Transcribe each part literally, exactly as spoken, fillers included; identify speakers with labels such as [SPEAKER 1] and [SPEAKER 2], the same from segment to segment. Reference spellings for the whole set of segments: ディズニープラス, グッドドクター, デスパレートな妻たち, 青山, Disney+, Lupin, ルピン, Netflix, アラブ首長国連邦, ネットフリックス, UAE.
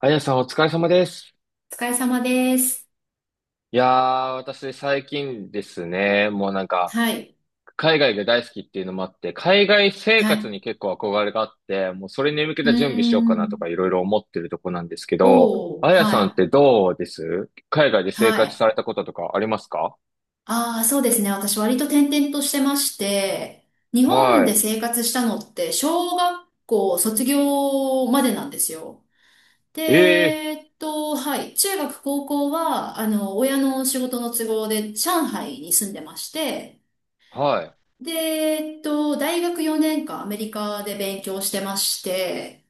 [SPEAKER 1] あやさんお疲れ様です。
[SPEAKER 2] お疲れ様です。
[SPEAKER 1] いやー、私最近ですね、もうなんか、
[SPEAKER 2] はい。
[SPEAKER 1] 海外が大好きっていうのもあって、海外生
[SPEAKER 2] は
[SPEAKER 1] 活
[SPEAKER 2] い。
[SPEAKER 1] に結構憧れがあって、もうそれに向け
[SPEAKER 2] うー
[SPEAKER 1] た準備しようかなとか
[SPEAKER 2] ん。
[SPEAKER 1] いろいろ思ってるとこなんですけど、
[SPEAKER 2] おー。
[SPEAKER 1] あや
[SPEAKER 2] は
[SPEAKER 1] さんっ
[SPEAKER 2] い。
[SPEAKER 1] てどうです、海外で生
[SPEAKER 2] は
[SPEAKER 1] 活さ
[SPEAKER 2] い。
[SPEAKER 1] れたこととかありますか？
[SPEAKER 2] ああ、そうですね。私割と転々としてまして、日本で
[SPEAKER 1] は
[SPEAKER 2] 生活したのって小学校卒業までなんですよ。で、
[SPEAKER 1] い。え
[SPEAKER 2] えっと、はい。中学、高校は、あの、親の仕事の都合で上海に住んでまして、
[SPEAKER 1] ー、はい、
[SPEAKER 2] で、えっと、大学よねんかんアメリカで勉強してまして、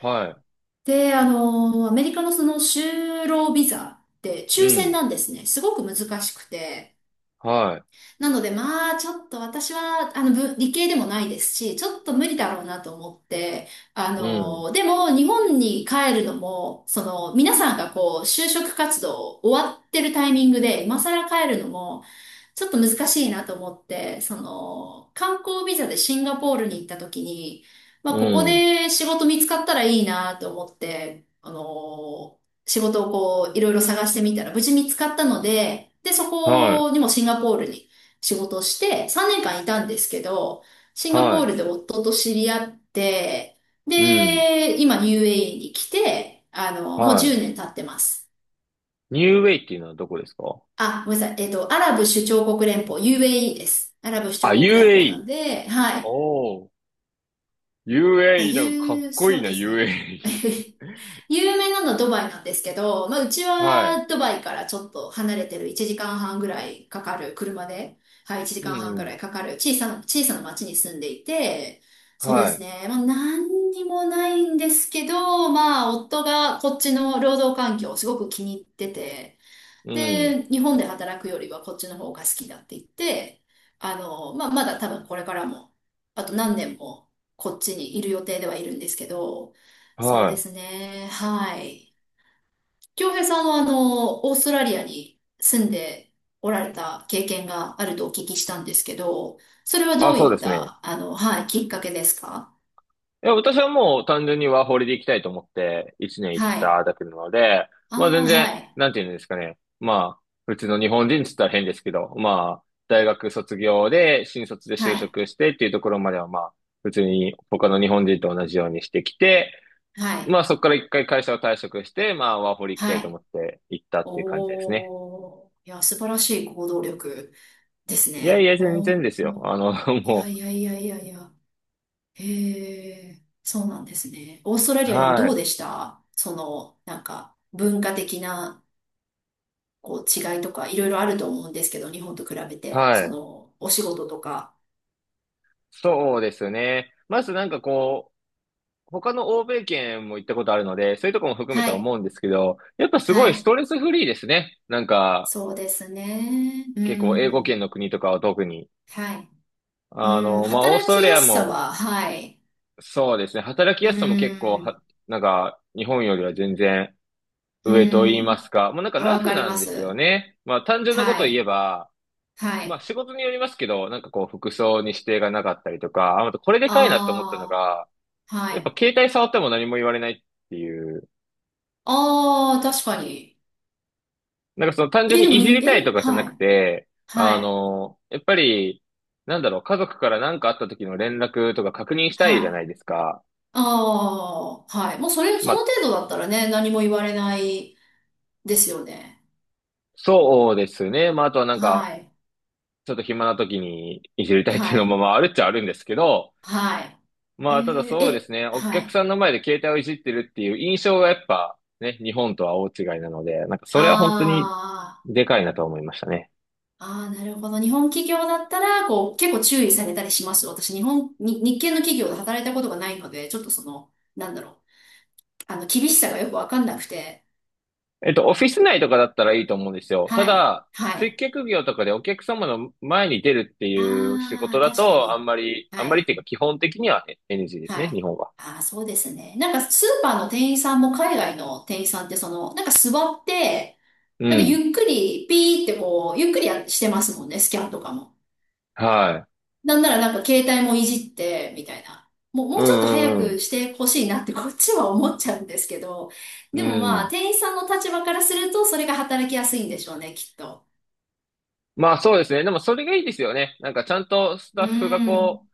[SPEAKER 1] は
[SPEAKER 2] で、あの、アメリカのその就労ビザって
[SPEAKER 1] い、う
[SPEAKER 2] 抽選
[SPEAKER 1] ん、
[SPEAKER 2] なんですね。すごく難しくて。
[SPEAKER 1] は
[SPEAKER 2] なので、まあ、ちょっと私は、あの、ぶ理系でもないですし、ちょっと無理だろうなと思って、あ
[SPEAKER 1] い、うん、
[SPEAKER 2] の、でも、日本に帰るのも、その、皆さんがこう、就職活動終わってるタイミングで、今更帰るのも、ちょっと難しいなと思って、その、観光ビザでシンガポールに行った時に、ま
[SPEAKER 1] う
[SPEAKER 2] あ、ここ
[SPEAKER 1] ん、
[SPEAKER 2] で仕事見つかったらいいなと思って、あの、仕事をこう、いろいろ探してみたら、無事見つかったので、で、そ
[SPEAKER 1] はい、
[SPEAKER 2] こにもシンガポールに仕事をしてさんねんかんいたんですけど、シンガポー
[SPEAKER 1] は
[SPEAKER 2] ルで夫と知り合って、
[SPEAKER 1] い、うん、
[SPEAKER 2] で、今 ユーエーイー に来て、あの、もう
[SPEAKER 1] はい。
[SPEAKER 2] じゅうねん経ってます。
[SPEAKER 1] ニューウェイっていうのはどこですか？
[SPEAKER 2] あ、ごめんなさい。えっと、アラブ首長国連邦、ユーエーイー です。アラブ首
[SPEAKER 1] あ、
[SPEAKER 2] 長国連邦なん
[SPEAKER 1] ユーエーイー。
[SPEAKER 2] で、はい。
[SPEAKER 1] お、
[SPEAKER 2] まあ、
[SPEAKER 1] ユーエーイー、なんかかっ
[SPEAKER 2] 言う、
[SPEAKER 1] こ
[SPEAKER 2] そ
[SPEAKER 1] いい
[SPEAKER 2] う
[SPEAKER 1] な、
[SPEAKER 2] ですね。
[SPEAKER 1] ユーエーイー。
[SPEAKER 2] 有名なのはドバイなんですけど、まあ、うち
[SPEAKER 1] はい。
[SPEAKER 2] はドバイからちょっと離れてるいちじかんはんぐらいかかる車で、はい、1
[SPEAKER 1] う
[SPEAKER 2] 時間半
[SPEAKER 1] んう
[SPEAKER 2] ぐらい
[SPEAKER 1] ん。
[SPEAKER 2] かかる小さな、小さな町に住んでいて、そうで
[SPEAKER 1] は
[SPEAKER 2] す
[SPEAKER 1] い。
[SPEAKER 2] ね、まあ、何にもないんですけど、まあ、夫がこっちの労働環境をすごく気に入ってて、
[SPEAKER 1] うん。
[SPEAKER 2] で、日本で働くよりはこっちの方が好きだって言って、あの、まあ、まだ多分これからも、あと何年もこっちにいる予定ではいるんですけど、そう
[SPEAKER 1] は
[SPEAKER 2] です
[SPEAKER 1] い。
[SPEAKER 2] ね。はい。京平さんはあの、オーストラリアに住んでおられた経験があるとお聞きしたんですけど、それは
[SPEAKER 1] あ、
[SPEAKER 2] どう
[SPEAKER 1] そう
[SPEAKER 2] い
[SPEAKER 1] で
[SPEAKER 2] っ
[SPEAKER 1] すね。
[SPEAKER 2] た、あの、はい、きっかけですか？
[SPEAKER 1] いや、私はもう単純にワーホリで行きたいと思っていちねん行っ
[SPEAKER 2] はい。
[SPEAKER 1] ただけなので、
[SPEAKER 2] あ
[SPEAKER 1] まあ全
[SPEAKER 2] あ、
[SPEAKER 1] 然、
[SPEAKER 2] はい。
[SPEAKER 1] なんていうんですかね。まあ、普通の日本人って言ったら変ですけど、まあ、大学卒業で、新卒で
[SPEAKER 2] は
[SPEAKER 1] 就
[SPEAKER 2] い。
[SPEAKER 1] 職してっていうところまではまあ、普通に他の日本人と同じようにしてきて、
[SPEAKER 2] はい。
[SPEAKER 1] まあそこから一回会社を退職して、まあワーホリ行きたい
[SPEAKER 2] は
[SPEAKER 1] と思
[SPEAKER 2] い。
[SPEAKER 1] って行ったっていう感じですね。
[SPEAKER 2] おー。いや、素晴らしい行動力です
[SPEAKER 1] いやい
[SPEAKER 2] ね。
[SPEAKER 1] や、全
[SPEAKER 2] お
[SPEAKER 1] 然
[SPEAKER 2] ー
[SPEAKER 1] です
[SPEAKER 2] お
[SPEAKER 1] よ。
[SPEAKER 2] ー、
[SPEAKER 1] あの、
[SPEAKER 2] いや
[SPEAKER 1] も
[SPEAKER 2] いやいやいやいや。へえ、そうなんですね。オーストラ
[SPEAKER 1] う、
[SPEAKER 2] リアでも
[SPEAKER 1] は
[SPEAKER 2] どう
[SPEAKER 1] い、
[SPEAKER 2] でしたその、なんか、文化的な、こう、違いとか、いろいろあると思うんですけど、日本と比べて、
[SPEAKER 1] は
[SPEAKER 2] そ
[SPEAKER 1] い。
[SPEAKER 2] の、お仕事とか。
[SPEAKER 1] そうですね。まずなんかこう、他の欧米圏も行ったことあるので、そういうとこも含め
[SPEAKER 2] は
[SPEAKER 1] て思
[SPEAKER 2] い、
[SPEAKER 1] うんですけど、やっぱすごい
[SPEAKER 2] は
[SPEAKER 1] ス
[SPEAKER 2] い。
[SPEAKER 1] トレスフリーですね。なんか、
[SPEAKER 2] そうですね。う
[SPEAKER 1] 結構英語
[SPEAKER 2] ん、
[SPEAKER 1] 圏の国とかは特に。
[SPEAKER 2] はい。
[SPEAKER 1] あ
[SPEAKER 2] うん、
[SPEAKER 1] の、まあ、オース
[SPEAKER 2] 働
[SPEAKER 1] トラ
[SPEAKER 2] き
[SPEAKER 1] リ
[SPEAKER 2] や
[SPEAKER 1] ア
[SPEAKER 2] すさ
[SPEAKER 1] も、
[SPEAKER 2] は、はい。
[SPEAKER 1] そうですね。働き
[SPEAKER 2] う
[SPEAKER 1] やすさも結構
[SPEAKER 2] ん、
[SPEAKER 1] は、なんか、日本よりは全然
[SPEAKER 2] う
[SPEAKER 1] 上と言いま
[SPEAKER 2] ん、
[SPEAKER 1] すか。もうなんかラ
[SPEAKER 2] わ
[SPEAKER 1] フ
[SPEAKER 2] かり
[SPEAKER 1] な
[SPEAKER 2] ま
[SPEAKER 1] んですよ
[SPEAKER 2] す。
[SPEAKER 1] ね。まあ、単純なこ
[SPEAKER 2] は
[SPEAKER 1] とを言え
[SPEAKER 2] い、
[SPEAKER 1] ば、
[SPEAKER 2] は
[SPEAKER 1] まあ
[SPEAKER 2] い。
[SPEAKER 1] 仕事によりますけど、なんかこう服装に指定がなかったりとか、あ、あとこれでかいなと思ったの
[SPEAKER 2] あ
[SPEAKER 1] が、
[SPEAKER 2] あ、は
[SPEAKER 1] やっぱ
[SPEAKER 2] い。
[SPEAKER 1] 携帯触っても何も言われないっていう、
[SPEAKER 2] ああ、確かに。
[SPEAKER 1] なんかその単純
[SPEAKER 2] え、で
[SPEAKER 1] に
[SPEAKER 2] も
[SPEAKER 1] いじり
[SPEAKER 2] に、
[SPEAKER 1] たいと
[SPEAKER 2] え、
[SPEAKER 1] かじゃな
[SPEAKER 2] は
[SPEAKER 1] く
[SPEAKER 2] い、
[SPEAKER 1] て、
[SPEAKER 2] は
[SPEAKER 1] あ
[SPEAKER 2] い、
[SPEAKER 1] の、やっぱり、なんだろう、家族から何かあった時の連絡とか確認したいじ
[SPEAKER 2] は
[SPEAKER 1] ゃない
[SPEAKER 2] い。
[SPEAKER 1] ですか。
[SPEAKER 2] ああ、はい。もうそれ、
[SPEAKER 1] ま
[SPEAKER 2] その
[SPEAKER 1] あ、
[SPEAKER 2] 程度だったらね、何も言われないですよね。
[SPEAKER 1] そうですね。まあ、あとはなんか、
[SPEAKER 2] はい、
[SPEAKER 1] ちょっと暇な時にいじりたいっていう
[SPEAKER 2] は
[SPEAKER 1] の
[SPEAKER 2] い、
[SPEAKER 1] もまああるっちゃあるんですけど、
[SPEAKER 2] はい。え
[SPEAKER 1] まあ、ただ
[SPEAKER 2] ー
[SPEAKER 1] そうです
[SPEAKER 2] え、
[SPEAKER 1] ね。お
[SPEAKER 2] は
[SPEAKER 1] 客
[SPEAKER 2] い。
[SPEAKER 1] さんの前で携帯をいじってるっていう印象がやっぱね、日本とは大違いなので、なんかそ
[SPEAKER 2] あ
[SPEAKER 1] れは本当にでかいなと思いましたね。
[SPEAKER 2] あ、ああ、なるほど。日本企業だったら、こう、結構注意されたりします私、日本、に、日系の企業で働いたことがないので、ちょっとその、なんだろう。あの、厳しさがよくわかんなくて。
[SPEAKER 1] えっと、オフィス内とかだったらいいと思うんですよ。た
[SPEAKER 2] はい、
[SPEAKER 1] だ、
[SPEAKER 2] は
[SPEAKER 1] 接
[SPEAKER 2] い。
[SPEAKER 1] 客業とかでお客様の前に出るっていう仕事
[SPEAKER 2] ああ、
[SPEAKER 1] だ
[SPEAKER 2] 確か
[SPEAKER 1] と、あん
[SPEAKER 2] に。
[SPEAKER 1] まり、あん
[SPEAKER 2] は
[SPEAKER 1] まりっ
[SPEAKER 2] い。
[SPEAKER 1] ていうか基本的には エヌジー です
[SPEAKER 2] は
[SPEAKER 1] ね、
[SPEAKER 2] い。
[SPEAKER 1] 日本は。
[SPEAKER 2] ああ、そうですね。なんかスーパーの店員さんも海外の店員さんってその、なんか座って、
[SPEAKER 1] う
[SPEAKER 2] なんか
[SPEAKER 1] ん。
[SPEAKER 2] ゆっくりピーってこう、ゆっくりやしてますもんね、スキャンとかも。
[SPEAKER 1] はい。
[SPEAKER 2] なんならなんか携帯もいじって、みたいな。もう、も
[SPEAKER 1] う
[SPEAKER 2] うちょっと早
[SPEAKER 1] んう
[SPEAKER 2] く
[SPEAKER 1] ん
[SPEAKER 2] してほしいなってこっちは思っちゃうんですけど、
[SPEAKER 1] う
[SPEAKER 2] でも
[SPEAKER 1] ん。う
[SPEAKER 2] ま
[SPEAKER 1] ん。
[SPEAKER 2] あ、店員さんの立場からするとそれが働きやすいんでしょうね、きっと。
[SPEAKER 1] まあそうですね。でもそれがいいですよね。なんかちゃんとス
[SPEAKER 2] う
[SPEAKER 1] タッフが
[SPEAKER 2] ん、
[SPEAKER 1] こう、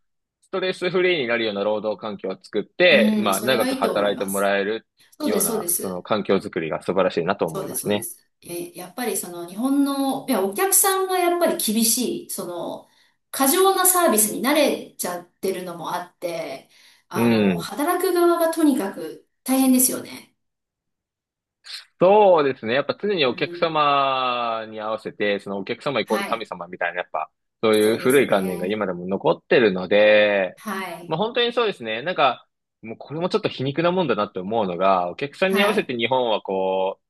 [SPEAKER 1] ストレスフリーになるような労働環境を作っ
[SPEAKER 2] う
[SPEAKER 1] て、
[SPEAKER 2] ん、
[SPEAKER 1] まあ
[SPEAKER 2] それ
[SPEAKER 1] 長
[SPEAKER 2] が
[SPEAKER 1] く
[SPEAKER 2] いいと思
[SPEAKER 1] 働
[SPEAKER 2] い
[SPEAKER 1] いて
[SPEAKER 2] ま
[SPEAKER 1] も
[SPEAKER 2] す。
[SPEAKER 1] らえる
[SPEAKER 2] そうで
[SPEAKER 1] よう
[SPEAKER 2] す、そうで
[SPEAKER 1] な、その
[SPEAKER 2] す。
[SPEAKER 1] 環境づくりが素晴らしいなと思
[SPEAKER 2] そ
[SPEAKER 1] い
[SPEAKER 2] うで
[SPEAKER 1] ま
[SPEAKER 2] す、
[SPEAKER 1] す
[SPEAKER 2] そうで
[SPEAKER 1] ね。
[SPEAKER 2] す。え、やっぱりその日本の、いや、お客さんがやっぱり厳しい、その、過剰なサービスに慣れちゃってるのもあって、
[SPEAKER 1] う
[SPEAKER 2] あの、
[SPEAKER 1] ん。
[SPEAKER 2] 働く側がとにかく大変ですよね。
[SPEAKER 1] そうですね。やっぱ常に
[SPEAKER 2] う
[SPEAKER 1] お客
[SPEAKER 2] ん。
[SPEAKER 1] 様に合わせて、そのお客様イコール
[SPEAKER 2] は
[SPEAKER 1] 神
[SPEAKER 2] い。
[SPEAKER 1] 様みたいな、やっぱ、そう
[SPEAKER 2] そ
[SPEAKER 1] いう
[SPEAKER 2] うで
[SPEAKER 1] 古
[SPEAKER 2] す
[SPEAKER 1] い観念が
[SPEAKER 2] ね。
[SPEAKER 1] 今でも残ってるので、
[SPEAKER 2] は
[SPEAKER 1] まあ
[SPEAKER 2] い。
[SPEAKER 1] 本当にそうですね。なんか、もうこれもちょっと皮肉なもんだなって思うのが、お客さんに合わ
[SPEAKER 2] は
[SPEAKER 1] せ
[SPEAKER 2] い。
[SPEAKER 1] て日本はこ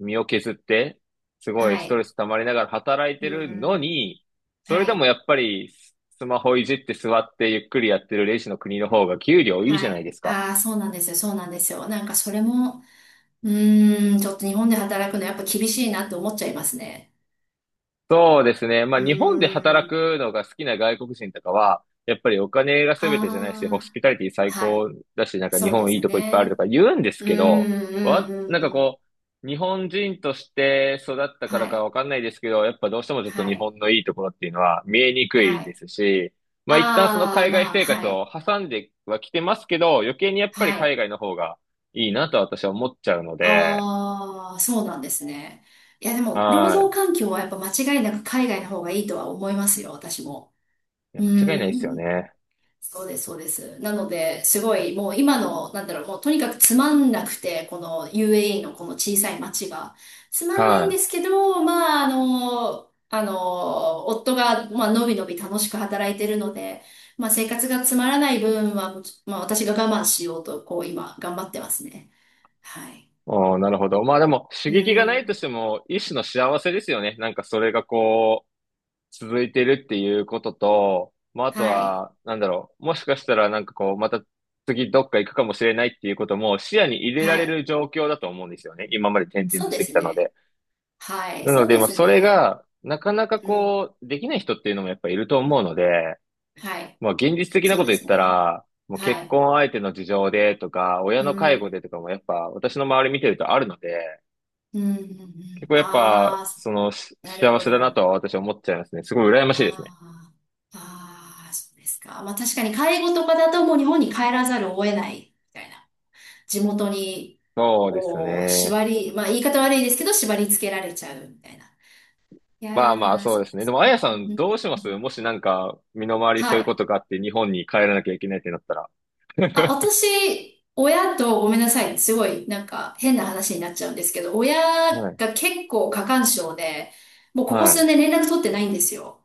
[SPEAKER 1] う、身を削って、すごい
[SPEAKER 2] は
[SPEAKER 1] ストレ
[SPEAKER 2] い。
[SPEAKER 1] ス溜まりながら働いて
[SPEAKER 2] う
[SPEAKER 1] るの
[SPEAKER 2] ん。
[SPEAKER 1] に、そ
[SPEAKER 2] は
[SPEAKER 1] れでも
[SPEAKER 2] い。
[SPEAKER 1] やっぱりスマホいじって座ってゆっくりやってるレジの国の方が給料いいじゃ
[SPEAKER 2] は
[SPEAKER 1] ない
[SPEAKER 2] い。
[SPEAKER 1] ですか。
[SPEAKER 2] ああ、そうなんですよ。そうなんですよ。なんかそれも、うーん、ちょっと日本で働くのやっぱ厳しいなって思っちゃいますね。
[SPEAKER 1] そうですね。まあ、
[SPEAKER 2] う
[SPEAKER 1] 日本で
[SPEAKER 2] ー
[SPEAKER 1] 働
[SPEAKER 2] ん。
[SPEAKER 1] くのが好きな外国人とかは、やっぱりお金が全てじゃないし、
[SPEAKER 2] あ
[SPEAKER 1] ホスピ
[SPEAKER 2] あ、
[SPEAKER 1] タリティ最
[SPEAKER 2] は
[SPEAKER 1] 高
[SPEAKER 2] い。
[SPEAKER 1] だし、なんか日
[SPEAKER 2] そうで
[SPEAKER 1] 本いい
[SPEAKER 2] す
[SPEAKER 1] とこいっぱいあると
[SPEAKER 2] ね。
[SPEAKER 1] か言うんです
[SPEAKER 2] うー
[SPEAKER 1] けど、
[SPEAKER 2] ん、うん、
[SPEAKER 1] わ、
[SPEAKER 2] う
[SPEAKER 1] なんか
[SPEAKER 2] ん、うん。
[SPEAKER 1] こう、日本人として育ったか
[SPEAKER 2] は
[SPEAKER 1] らか
[SPEAKER 2] い、
[SPEAKER 1] わかんないですけど、やっぱどうしてもちょっ
[SPEAKER 2] は
[SPEAKER 1] と日
[SPEAKER 2] い、
[SPEAKER 1] 本のいいところっていうのは見えにくい
[SPEAKER 2] は
[SPEAKER 1] で
[SPEAKER 2] い。
[SPEAKER 1] すし、まあ、一旦その
[SPEAKER 2] あ
[SPEAKER 1] 海
[SPEAKER 2] あ、
[SPEAKER 1] 外
[SPEAKER 2] まあ、
[SPEAKER 1] 生活
[SPEAKER 2] は
[SPEAKER 1] を
[SPEAKER 2] い、
[SPEAKER 1] 挟んではきてますけど、余計にやっぱり
[SPEAKER 2] は
[SPEAKER 1] 海
[SPEAKER 2] い。
[SPEAKER 1] 外の方がいいなと私は思っちゃうので、
[SPEAKER 2] ああ、そうなんですね。いや、でも、労
[SPEAKER 1] は
[SPEAKER 2] 働環境はやっぱ間違いなく海外の方がいいとは思いますよ、私も。
[SPEAKER 1] い。いや、
[SPEAKER 2] う
[SPEAKER 1] 間違いな
[SPEAKER 2] ー
[SPEAKER 1] いですよ
[SPEAKER 2] ん。
[SPEAKER 1] ね。
[SPEAKER 2] そうです、そうです。なので、すごい、もう今の、なんだろう、もうとにかくつまんなくて、この ユーエーイー のこの小さい町が。つまんないん
[SPEAKER 1] は
[SPEAKER 2] で
[SPEAKER 1] い。
[SPEAKER 2] すけど、まあ、あの、あの、夫が、まあ、のびのび楽しく働いてるので、まあ、生活がつまらない分は、まあ、私が我慢しようと、こう、今、頑張ってますね。はい。
[SPEAKER 1] おー、なるほど。まあでも、刺
[SPEAKER 2] う
[SPEAKER 1] 激が
[SPEAKER 2] ー
[SPEAKER 1] ないとし
[SPEAKER 2] ん。
[SPEAKER 1] ても、一種の幸せですよね。なんかそれがこう、続いてるっていうことと、まああと
[SPEAKER 2] はい。
[SPEAKER 1] は、なんだろう、もしかしたらなんかこう、また次どっか行くかもしれないっていうことも視野に入れら
[SPEAKER 2] は
[SPEAKER 1] れ
[SPEAKER 2] い。
[SPEAKER 1] る状況だと思うんですよね。今まで転々
[SPEAKER 2] そ
[SPEAKER 1] と
[SPEAKER 2] う
[SPEAKER 1] し
[SPEAKER 2] で
[SPEAKER 1] てき
[SPEAKER 2] す
[SPEAKER 1] たの
[SPEAKER 2] ね。
[SPEAKER 1] で。
[SPEAKER 2] はい。
[SPEAKER 1] な
[SPEAKER 2] そ
[SPEAKER 1] の
[SPEAKER 2] う
[SPEAKER 1] で、
[SPEAKER 2] で
[SPEAKER 1] まあ
[SPEAKER 2] す
[SPEAKER 1] それ
[SPEAKER 2] ね。
[SPEAKER 1] が、なかなか
[SPEAKER 2] うん。
[SPEAKER 1] こう、できない人っていうのもやっぱいると思うので、
[SPEAKER 2] はい。
[SPEAKER 1] まあ現実的な
[SPEAKER 2] そ
[SPEAKER 1] こ
[SPEAKER 2] う
[SPEAKER 1] と
[SPEAKER 2] で
[SPEAKER 1] 言っ
[SPEAKER 2] す
[SPEAKER 1] た
[SPEAKER 2] ね。
[SPEAKER 1] ら、もう結
[SPEAKER 2] はい。
[SPEAKER 1] 婚相手の事情でとか、親
[SPEAKER 2] う
[SPEAKER 1] の介護
[SPEAKER 2] ん。
[SPEAKER 1] でとかもやっぱ私の周り見てるとあるので、
[SPEAKER 2] うんうんう
[SPEAKER 1] 結
[SPEAKER 2] ん。
[SPEAKER 1] 構やっ
[SPEAKER 2] あ
[SPEAKER 1] ぱ、そ
[SPEAKER 2] あ、
[SPEAKER 1] の、し
[SPEAKER 2] なる
[SPEAKER 1] 幸
[SPEAKER 2] ほ
[SPEAKER 1] せだなと
[SPEAKER 2] ど。
[SPEAKER 1] は私は思っちゃいますね。すごい羨ましいですね。
[SPEAKER 2] ああ、ああ、そうですか。まあ確かに介護とかだともう日本に帰らざるを得ないみたいな。地元に、
[SPEAKER 1] そうです
[SPEAKER 2] こう、
[SPEAKER 1] ね。
[SPEAKER 2] 縛り、まあ言い方悪いですけど、縛り付けられちゃうみたいな。いや
[SPEAKER 1] まあまあ、
[SPEAKER 2] ー、
[SPEAKER 1] そう
[SPEAKER 2] そ
[SPEAKER 1] ですね。でも、あや
[SPEAKER 2] う。
[SPEAKER 1] さ
[SPEAKER 2] う
[SPEAKER 1] ん、
[SPEAKER 2] ん
[SPEAKER 1] どうしま
[SPEAKER 2] う
[SPEAKER 1] す、
[SPEAKER 2] ん
[SPEAKER 1] もしなんか、身の回りそうい
[SPEAKER 2] は
[SPEAKER 1] うこ
[SPEAKER 2] い。
[SPEAKER 1] とがあって、日本に帰らなきゃいけないってなったら。
[SPEAKER 2] あ、私、親とごめんなさい。すごい、なんか変な話になっちゃうんですけど、親
[SPEAKER 1] はい。
[SPEAKER 2] が結構過干渉で、もうここ
[SPEAKER 1] は
[SPEAKER 2] 数
[SPEAKER 1] い。
[SPEAKER 2] 年連絡取ってないんですよ。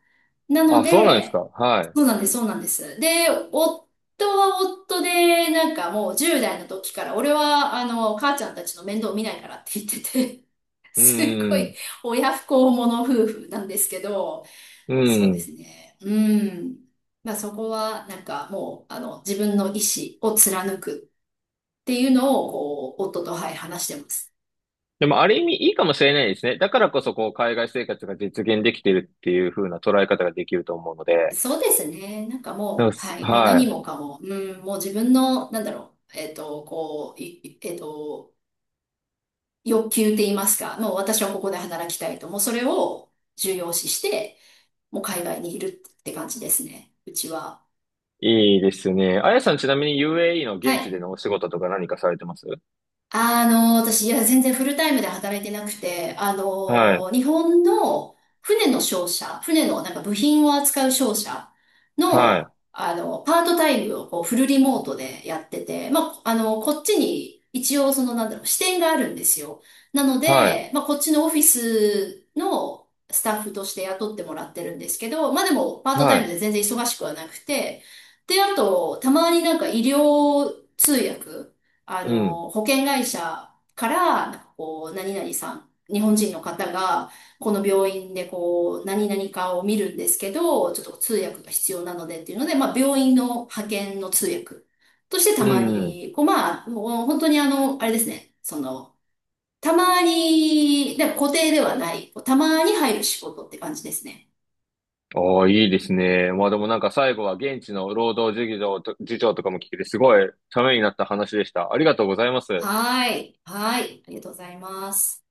[SPEAKER 2] なの
[SPEAKER 1] あ、そうなんですか。
[SPEAKER 2] で、
[SPEAKER 1] は
[SPEAKER 2] そうなんです、そうなんです。で、夫は夫で、なんかもうじゅう代の時から、俺は、あの、母ちゃんたちの面倒見ないからって言ってて、
[SPEAKER 1] い。う
[SPEAKER 2] すっごい
[SPEAKER 1] ん。
[SPEAKER 2] 親不孝者夫婦なんですけど、
[SPEAKER 1] う
[SPEAKER 2] そうで
[SPEAKER 1] ん。
[SPEAKER 2] すね。うん。まあそこは、なんかもう、あの、自分の意思を貫くっていうのを、こう、夫と、はい、話してます。
[SPEAKER 1] でも、ある意味いいかもしれないですね。だからこそ、こう、海外生活が実現できてるっていう風な捉え方ができると思うので。
[SPEAKER 2] そうですね。なんか
[SPEAKER 1] でも
[SPEAKER 2] もう、
[SPEAKER 1] す
[SPEAKER 2] はい、もう何
[SPEAKER 1] は
[SPEAKER 2] もかも、うん、もう自分の、なんだろう、えっと、こう、いいえっと、欲求って言いますか、もう私はここで働きたいと、もうそれを重要視して、もう海外にいるって感じですね、うちは。
[SPEAKER 1] い。いいですね。あやさん、ちなみに ユーエーイー の
[SPEAKER 2] は
[SPEAKER 1] 現地で
[SPEAKER 2] い。
[SPEAKER 1] のお仕事とか何かされてます？
[SPEAKER 2] あの、私、いや、全然フルタイムで働いてなくて、あ
[SPEAKER 1] はい、
[SPEAKER 2] の、日本の船の商社、船のなんか部品を扱う商社
[SPEAKER 1] はい、
[SPEAKER 2] の、あの、パートタイムをこうフルリモートでやってて、まあ、あの、こっちに一応その、なんだろう、支店があるんですよ。なの
[SPEAKER 1] はい、
[SPEAKER 2] で、まあ、こっちのオフィスのスタッフとして雇ってもらってるんですけど、まあ、でも、パートタ
[SPEAKER 1] は
[SPEAKER 2] イム
[SPEAKER 1] い、
[SPEAKER 2] で全然忙しくはなくて、で、あと、たまになんか医療通訳、あ
[SPEAKER 1] うん、
[SPEAKER 2] の、保険会社から、なんかこう、何々さん、日本人の方が、この病院でこう、何々かを見るんですけど、ちょっと通訳が必要なのでっていうので、まあ、病院の派遣の通訳としてた
[SPEAKER 1] う
[SPEAKER 2] ま
[SPEAKER 1] ん。
[SPEAKER 2] に、こう、まあ、もう本当にあの、あれですね、その、たまに、で固定ではない、こうたまに入る仕事って感じですね。
[SPEAKER 1] ああ、いいですね。まあでもなんか最後は現地の労働事情と、事情とかも聞けて、すごいためになった話でした。ありがとうございます。
[SPEAKER 2] はーい。はーい。ありがとうございます。